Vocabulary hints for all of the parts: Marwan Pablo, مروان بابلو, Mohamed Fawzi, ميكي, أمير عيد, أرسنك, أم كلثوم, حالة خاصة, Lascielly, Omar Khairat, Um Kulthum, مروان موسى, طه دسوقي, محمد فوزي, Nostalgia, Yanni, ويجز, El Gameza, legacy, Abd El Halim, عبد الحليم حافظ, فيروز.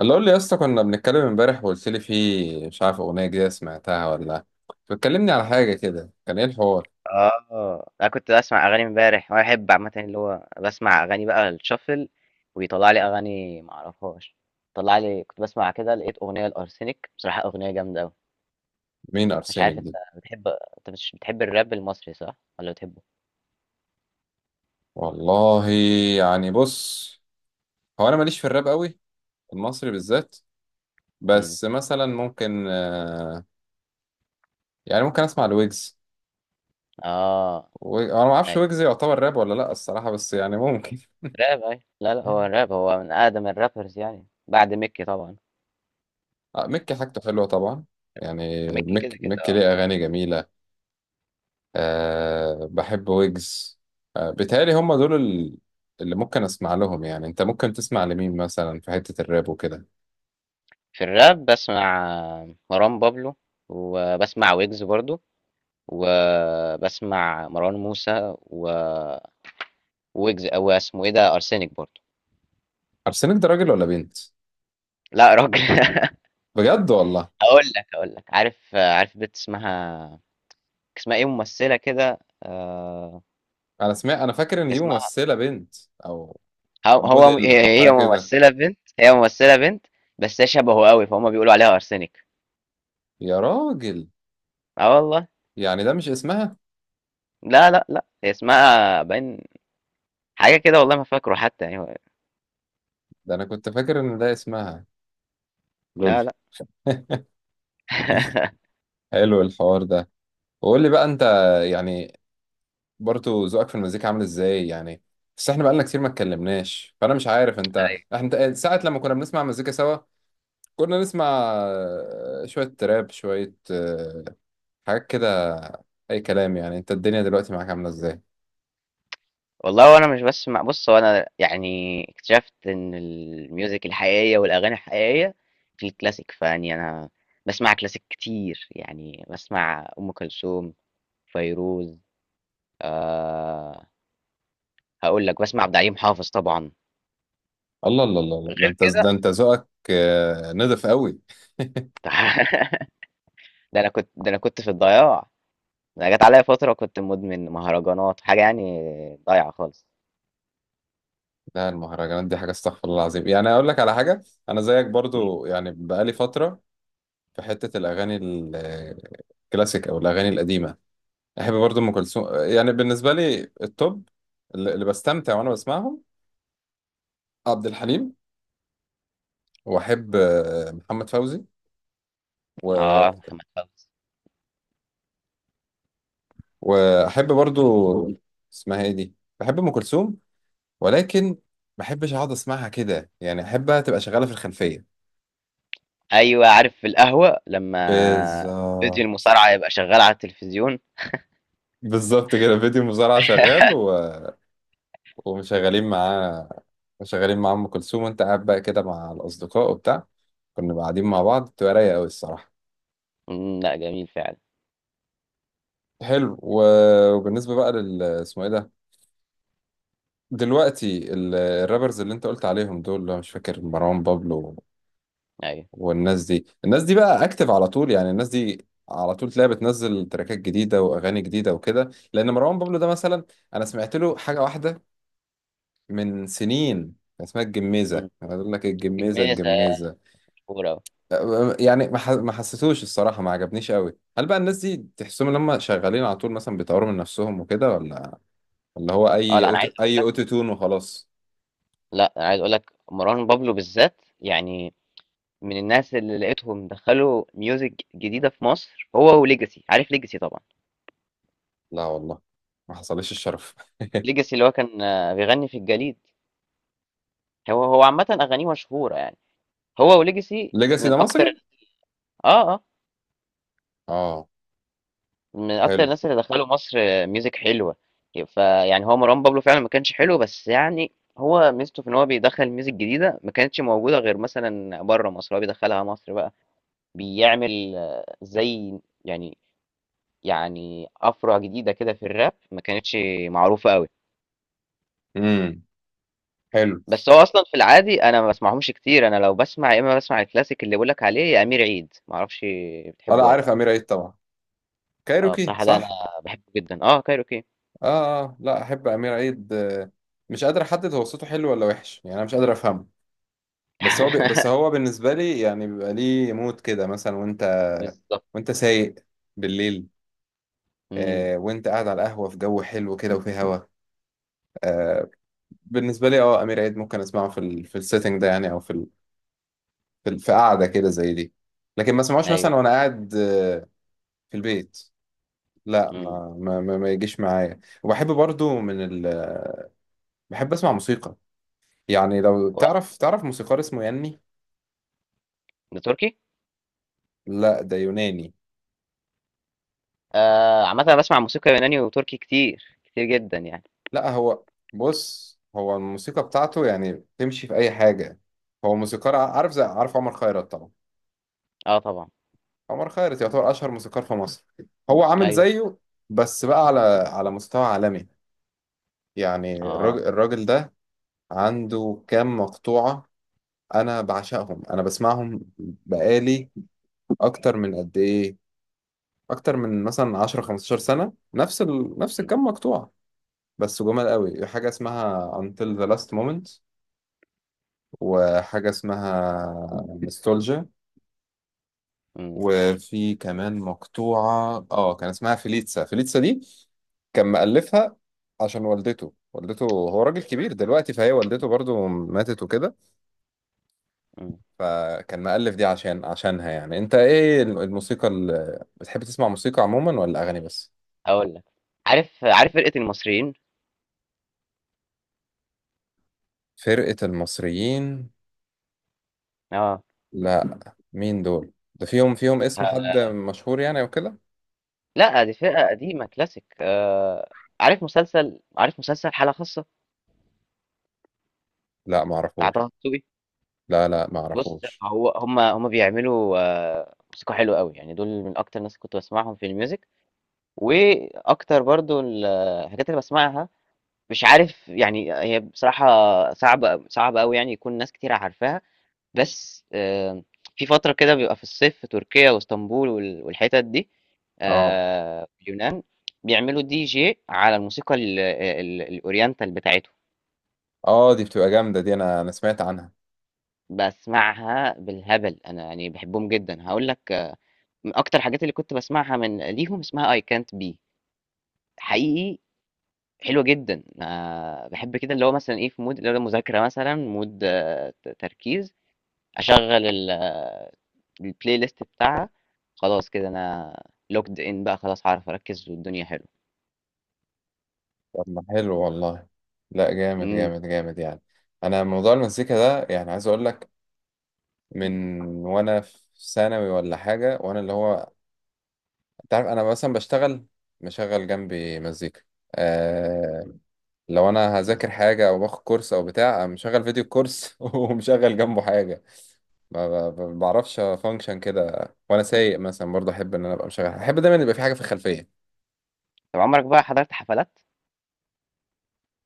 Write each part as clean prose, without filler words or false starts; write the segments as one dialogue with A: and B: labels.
A: اللي قول لي يا اسطى، كنا بنتكلم امبارح وقلت لي في، مش عارف، اغنيه جديده سمعتها ولا بتكلمني على حاجه كده، كان ايه الحوار؟
B: آه، أنا كنت باسمع أغاني امبارح، وأنا باحب عامةً اللي هو باسمع أغاني بقى الshuffle ويطلّع لي أغاني ما أعرفهاش، طلّع لي كنت باسمع كده، لقيت أغنية لأرسنِك، بصراحة أغنية جامدة أوي.
A: مين
B: مش
A: ارسينك
B: عارف،
A: دي؟
B: أنت مش بتحب الراب المصري صح والّا بتحبه؟
A: والله، يعني بص، هو انا ماليش في الراب قوي، المصري بالذات،
B: إمم.
A: بس مثلا ممكن، يعني ممكن اسمع لويجز.
B: آه.
A: انا ما اعرفش
B: أيوه.
A: ويجز يعتبر راب ولا لا الصراحه، بس يعني ممكن.
B: راب، أيوه. لا، لا، هو الراب هو من أقدم الrappers يعني بعد ميكي طبعًا.
A: مكي حاجته حلوه طبعا، يعني
B: ميكي كده، كده
A: مكي
B: آه،
A: ليه اغاني جميله. أه بحب ويجز. أه بيتهيألي هم دول اللي ممكن اسمع لهم، يعني انت ممكن تسمع لمين مثلا في حتة الراب وكده؟
B: في الراب باسمع مروان بابلو وباسمع ويجز برضه. وبسمع مروان موسى و ويجز، أو اسمه إيه ده، أرسنك برضه.
A: عارسنك ده راجل ولا بنت؟
B: لا يا راجل.
A: بجد والله.
B: هقول لك، عارف بنت اسمها إيه، ممثلة كده.
A: انا سمعت، انا فاكر ان دي
B: اسمها،
A: ممثلة بنت، او او موديل او
B: هي
A: حاجة
B: هي
A: كده.
B: ممثلة بنت. بس هي شبهه قوي، فهم بيقولوا عليها أرسنك.
A: يا راجل،
B: اه والله.
A: يعني ده مش اسمها؟
B: لا، لا، لا، هي اسمها باين حاجة كده، والله ما فاكره حتى يعني.
A: ده انا كنت فاكر ان ده اسمها. لول.
B: لا، لا.
A: حلو الحوار ده. وقول لي بقى انت، يعني، برضو ذوقك في المزيكا عامل ازاي يعني؟ بس احنا بقالنا كتير ما اتكلمناش، فانا مش عارف انت،
B: ايوه
A: احنا ساعة لما كنا بنسمع مزيكا سوا كنا نسمع شوية تراب، شوية حاجات كده، اي كلام، يعني انت الدنيا دلوقتي معاك عاملة ازاي؟
B: والله. وانا مش بس مع بص، وانا يعني اكتشفت ان الميوزك الحقيقيه والاغاني الحقيقيه في الكلاسيك، فاني انا بسمع كلاسيك كتير، يعني بسمع ام كلثوم، فيروز، آه هقول لك بسمع عبد الحليم حافظ طبعا.
A: الله الله الله الله، ده
B: غير
A: انت ده
B: كده.
A: انت ذوقك نضف قوي.
B: ده انا كنت في الضياع. ده انا جت عليا فتره كنت مدمن مهرجانات حاجه يعني، ضايعه خالص.
A: لا المهرجانات دي حاجة استغفر الله العظيم، يعني اقول لك على حاجة، انا زيك
B: مم.
A: برضو يعني، بقالي فترة في حتة الاغاني الكلاسيك او الاغاني القديمة. احب برضه ام كلثوم، يعني بالنسبه لي التوب، اللي بستمتع وانا بسمعهم، عبد الحليم، واحب محمد فوزي، و...
B: اه محمد فوزي.
A: واحب برضه، اسمها ايه دي، بحب ام كلثوم، ولكن ما بحبش اقعد اسمعها كده يعني، احبها تبقى شغاله في الخلفيه.
B: ايوه عارف، في القهوه لما فيديو
A: بالظبط.
B: المصارعه يبقى شغال على التلفزيون.
A: بالظبط كده، فيديو مزارع شغال و... ومشغلين معاه، مشغلين مع ام كلثوم، وانت قاعد بقى كده مع الاصدقاء وبتاع، كنا قاعدين مع بعض، بتبقى رايقه قوي الصراحه.
B: لأ جميل فعلًا.
A: حلو و... وبالنسبة بقى لل، اسمه ايه ده، دلوقتي الرابرز اللي انت قلت عليهم دول، اللي هو مش فاكر، مروان بابلو
B: أيوه.
A: والناس دي الناس دي بقى اكتف على طول يعني، الناس دي على طول تلاقيها بتنزل تراكات جديدة واغاني جديدة وكده، لان مروان بابلو ده مثلا انا سمعت له حاجة واحدة من سنين، كان اسمها الجميزة،
B: إمم،
A: انا اقول لك الجميزة
B: جمّيزة هي
A: الجميزة،
B: الكورة.
A: يعني ما حسيتوش الصراحة، ما عجبنيش قوي. هل بقى الناس دي تحسهم ان هم شغالين على طول مثلا، بيطوروا من نفسهم وكده، ولا اللي هو
B: آه،
A: اي
B: لأ أنا
A: أوتو...
B: عايز أقول
A: اي
B: لك
A: اوتو تون وخلاص؟
B: لأ أنا عايز أقول لك مروان بابلو بالذات، يعني من الناس اللي لقيتهم دخّلوا music جديدة في مصر، هو وlegacy، عارف legacy طبعًا؟
A: لا والله ما حصلش الشرف.
B: legacy اللي هو كان بيغني في الجليد. هو عامةً أغانيه مشهورة يعني، هو وlegacy
A: ليجاسي ده
B: من
A: مصري؟
B: أكتر آه، آه.
A: اه
B: من اكتر
A: حلو.
B: الناس اللي دخلوا مصر ميوزك حلوه. فيعني هو مروان بابلو فعلا ما كانش حلو، بس يعني هو ميزته في ان هو بيدخل ميوزك جديده ما كانتش موجوده غير مثلا بره مصر، هو بيدخلها مصر بقى، بيعمل زي، يعني يعني افرع جديده كده في الراب ما كانتش معروفه قوي.
A: امم حلو.
B: بس هو اصلا في العادي انا ما بسمعهمش كتير، انا لو بسمع يا اما بسمع الكلاسيك اللي بقولك عليه، يا امير عيد ما اعرفش
A: اه لا
B: بتحبه ولا
A: عارف
B: لا.
A: امير عيد طبعا،
B: اه
A: كايروكي
B: بصراحه ده انا
A: صح؟
B: بحبه جدا، اه كايروكي.
A: اه اه لا احب امير عيد، مش قادر احدد هو صوته حلو ولا وحش يعني، انا مش قادر افهمه. بس هو ب... بس هو بالنسبه لي يعني بيبقى ليه مود كده مثلا، وانت
B: بالظبط.
A: وانت سايق بالليل،
B: امم.
A: آه، وانت قاعد على القهوه في جو حلو كده، وفي هوا، آه. بالنسبه لي اه امير عيد ممكن اسمعه في السيتنج ده يعني، او في قعده كده زي دي، لكن ما اسمعوش
B: ايوه.
A: مثلا وانا قاعد في البيت. لا
B: امم.
A: ما يجيش معايا، وبحب برضو بحب اسمع موسيقى، يعني لو تعرف موسيقار اسمه ياني.
B: ده تركي.
A: لا ده يوناني.
B: آه، عامة انا بسمع موسيقى يوناني وتركي كتير كتير جدا يعني.
A: لا هو بص، هو الموسيقى بتاعته يعني تمشي في اي حاجه، هو موسيقار عارف عمر خيرت طبعا.
B: اه طبعا.
A: عمر خيرت يعتبر اشهر موسيقار في مصر، هو عامل
B: ايوه.
A: زيه، بس بقى على مستوى عالمي يعني، الراجل
B: اه.
A: الراجل ده عنده كام مقطوعة، انا بعشقهم، انا بسمعهم بقالي، اكتر من قد ايه اكتر من مثلا 10 15 سنه، نفس الكم مقطوعه، بس جمال قوي، حاجه اسمها Until the Last Moment، وحاجه اسمها Nostalgia،
B: امم.
A: وفي كمان مقطوعه اه كان اسمها فيليتسا. فيليتسا دي كان مؤلفها عشان والدته. والدته، هو راجل كبير دلوقتي، فهي والدته برضو ماتت وكده،
B: امم.
A: فكان مألف دي عشانها يعني. انت ايه الموسيقى اللي بتحب تسمع، موسيقى عموما ولا اغاني بس؟
B: اقول لك، عارف فرقة المصريين.
A: فرقة المصريين؟
B: اه.
A: لا، مين دول؟ ده فيهم اسم حد
B: ه-
A: مشهور يعني او كده؟
B: لا، دي فرقة قديمة كلاسيك. عارف مسلسل حالة خاصة
A: لا
B: بتاع
A: معرفوش.
B: طه دسوقي.
A: لا، لا،
B: بص،
A: معرفوش.
B: هو هم بيعملوا موسيقى حلوة قوي يعني، دول من اكتر الناس اللي كنت بسمعهم في الميوزك. واكتر برضو الحاجات اللي بسمعها، مش عارف يعني هي بصراحة صعبة صعبة أوي يعني، يكون ناس كتير عارفاها. بس في فترة كده بيبقى في الصيف في تركيا واسطنبول والحتت دي،
A: اه.
B: في اليونان، بيعملوا دي جي على الموسيقى الأورينتال بتاعتهم.
A: اه دي بتبقى جامدة دي، انا سمعت عنها.
B: بسمعها بالهبل أنا يعني، بحبهم جدا. هقول لك، من أكتر الحاجات اللي كنت بسمعها من ليهم اسمها I can't be حقيقي، حلوة جدا. بحب كده اللي هو مثلا إيه في مود اللي هو مذاكرة مثلا، مود، تركيز، اشغل البلاي ليست بتاعها، خلاص كده انا لوكد ان بقى، خلاص هعرف اركز والدنيا حلوه.
A: طب ما حلو والله. لا جامد
B: امم.
A: جامد جامد يعني. انا موضوع المزيكا ده يعني عايز اقول لك، من وانا في ثانوي ولا حاجة، وانا اللي هو انت عارف، انا مثلا بشتغل مشغل جنبي مزيكا، آه لو انا هذاكر حاجه او باخد كورس او بتاع، أنا مشغل فيديو كورس، ومشغل جنبه حاجه. ما بعرفش فانكشن كده، وانا سايق مثلا برضه احب ان انا ابقى مشغل، احب دايما يبقى في حاجه في الخلفيه.
B: طب عمرك بقى حضرت حفلات؟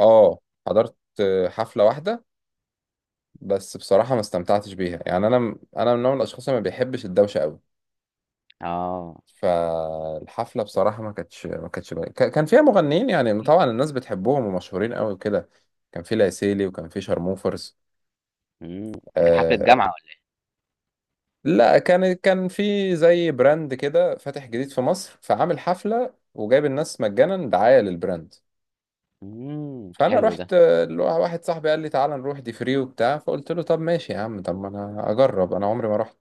A: اه حضرت حفله واحده، بس بصراحه ما استمتعتش بيها يعني، انا من نوع من الاشخاص اللي ما بيحبش الدوشه قوي.
B: اه.
A: فالحفله بصراحه، ما كانتش ما كانتش ك- كان فيها مغنيين يعني طبعا الناس بتحبهم ومشهورين قوي وكده، كان في لاسيلي وكان في شارموفرز،
B: امم. كانت حفله
A: آه.
B: جامعه ولا؟
A: لا كان في زي براند كده فاتح جديد في مصر، فعامل حفله وجايب الناس مجانا دعايه للبراند، فانا
B: حلو ده.
A: رحت، واحد صاحبي قال لي تعالى نروح، دي فري وبتاع، فقلت له طب ماشي يا عم، طب ما انا اجرب، انا عمري ما رحت.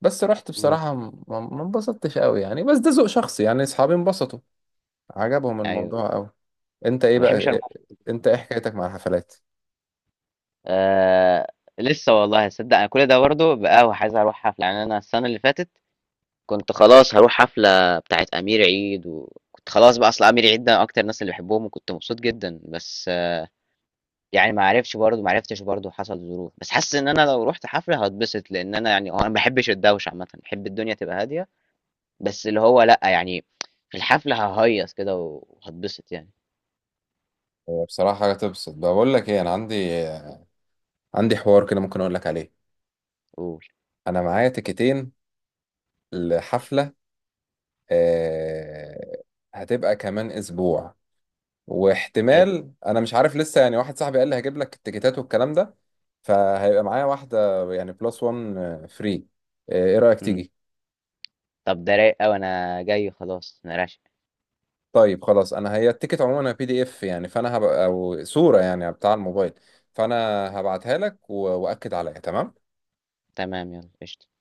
A: بس رحت
B: امم.
A: بصراحه ما انبسطتش قوي يعني، بس ده ذوق شخصي يعني، اصحابي انبسطوا، عجبهم
B: ايوه.
A: الموضوع قوي. انت ايه
B: ما
A: بقى،
B: بحبش المفرط.
A: انت ايه
B: برضه.
A: حكايتك مع الحفلات؟
B: آه. لسه والله صدق، انا كل ده برضه بقى، وعايز اروح حفله يعني. انا السنه اللي فاتت كنت خلاص هروح حفله بتاعت امير عيد، وكنت خلاص بقى، اصل امير عيد ده اكتر الناس اللي بحبهم، وكنت مبسوط جدا، بس يعني ما عرفتش برضه، حصل ظروف. بس حاسس ان انا لو رحت حفله هتبسط، لان انا يعني هو انا ما بحبش الدوشه عامه، بحب الدنيا تبقى هاديه، بس اللي هو لا يعني في الحفله ههيص كده وهتبسط يعني.
A: هي بصراحة حاجة تبسط، بقول لك ايه، انا عندي حوار كده ممكن اقول لك عليه.
B: قول.
A: انا معايا تيكتين لحفلة، آه، هتبقى كمان اسبوع،
B: حلو.
A: واحتمال، انا مش عارف لسه يعني، واحد صاحبي قال لي هجيب لك التيكتات والكلام ده، فهيبقى معايا واحدة يعني، بلس وان فري، ايه رأيك
B: مم.
A: تيجي؟
B: طب ده رايق قوي، انا جاي خلاص، انا راشق.
A: طيب خلاص، انا هي التيكت عموما بي دي اف يعني، فانا هبقى او صورة يعني، بتاع الموبايل، فانا هبعتها لك واكد عليها، تمام.
B: تمام يلا قشطة.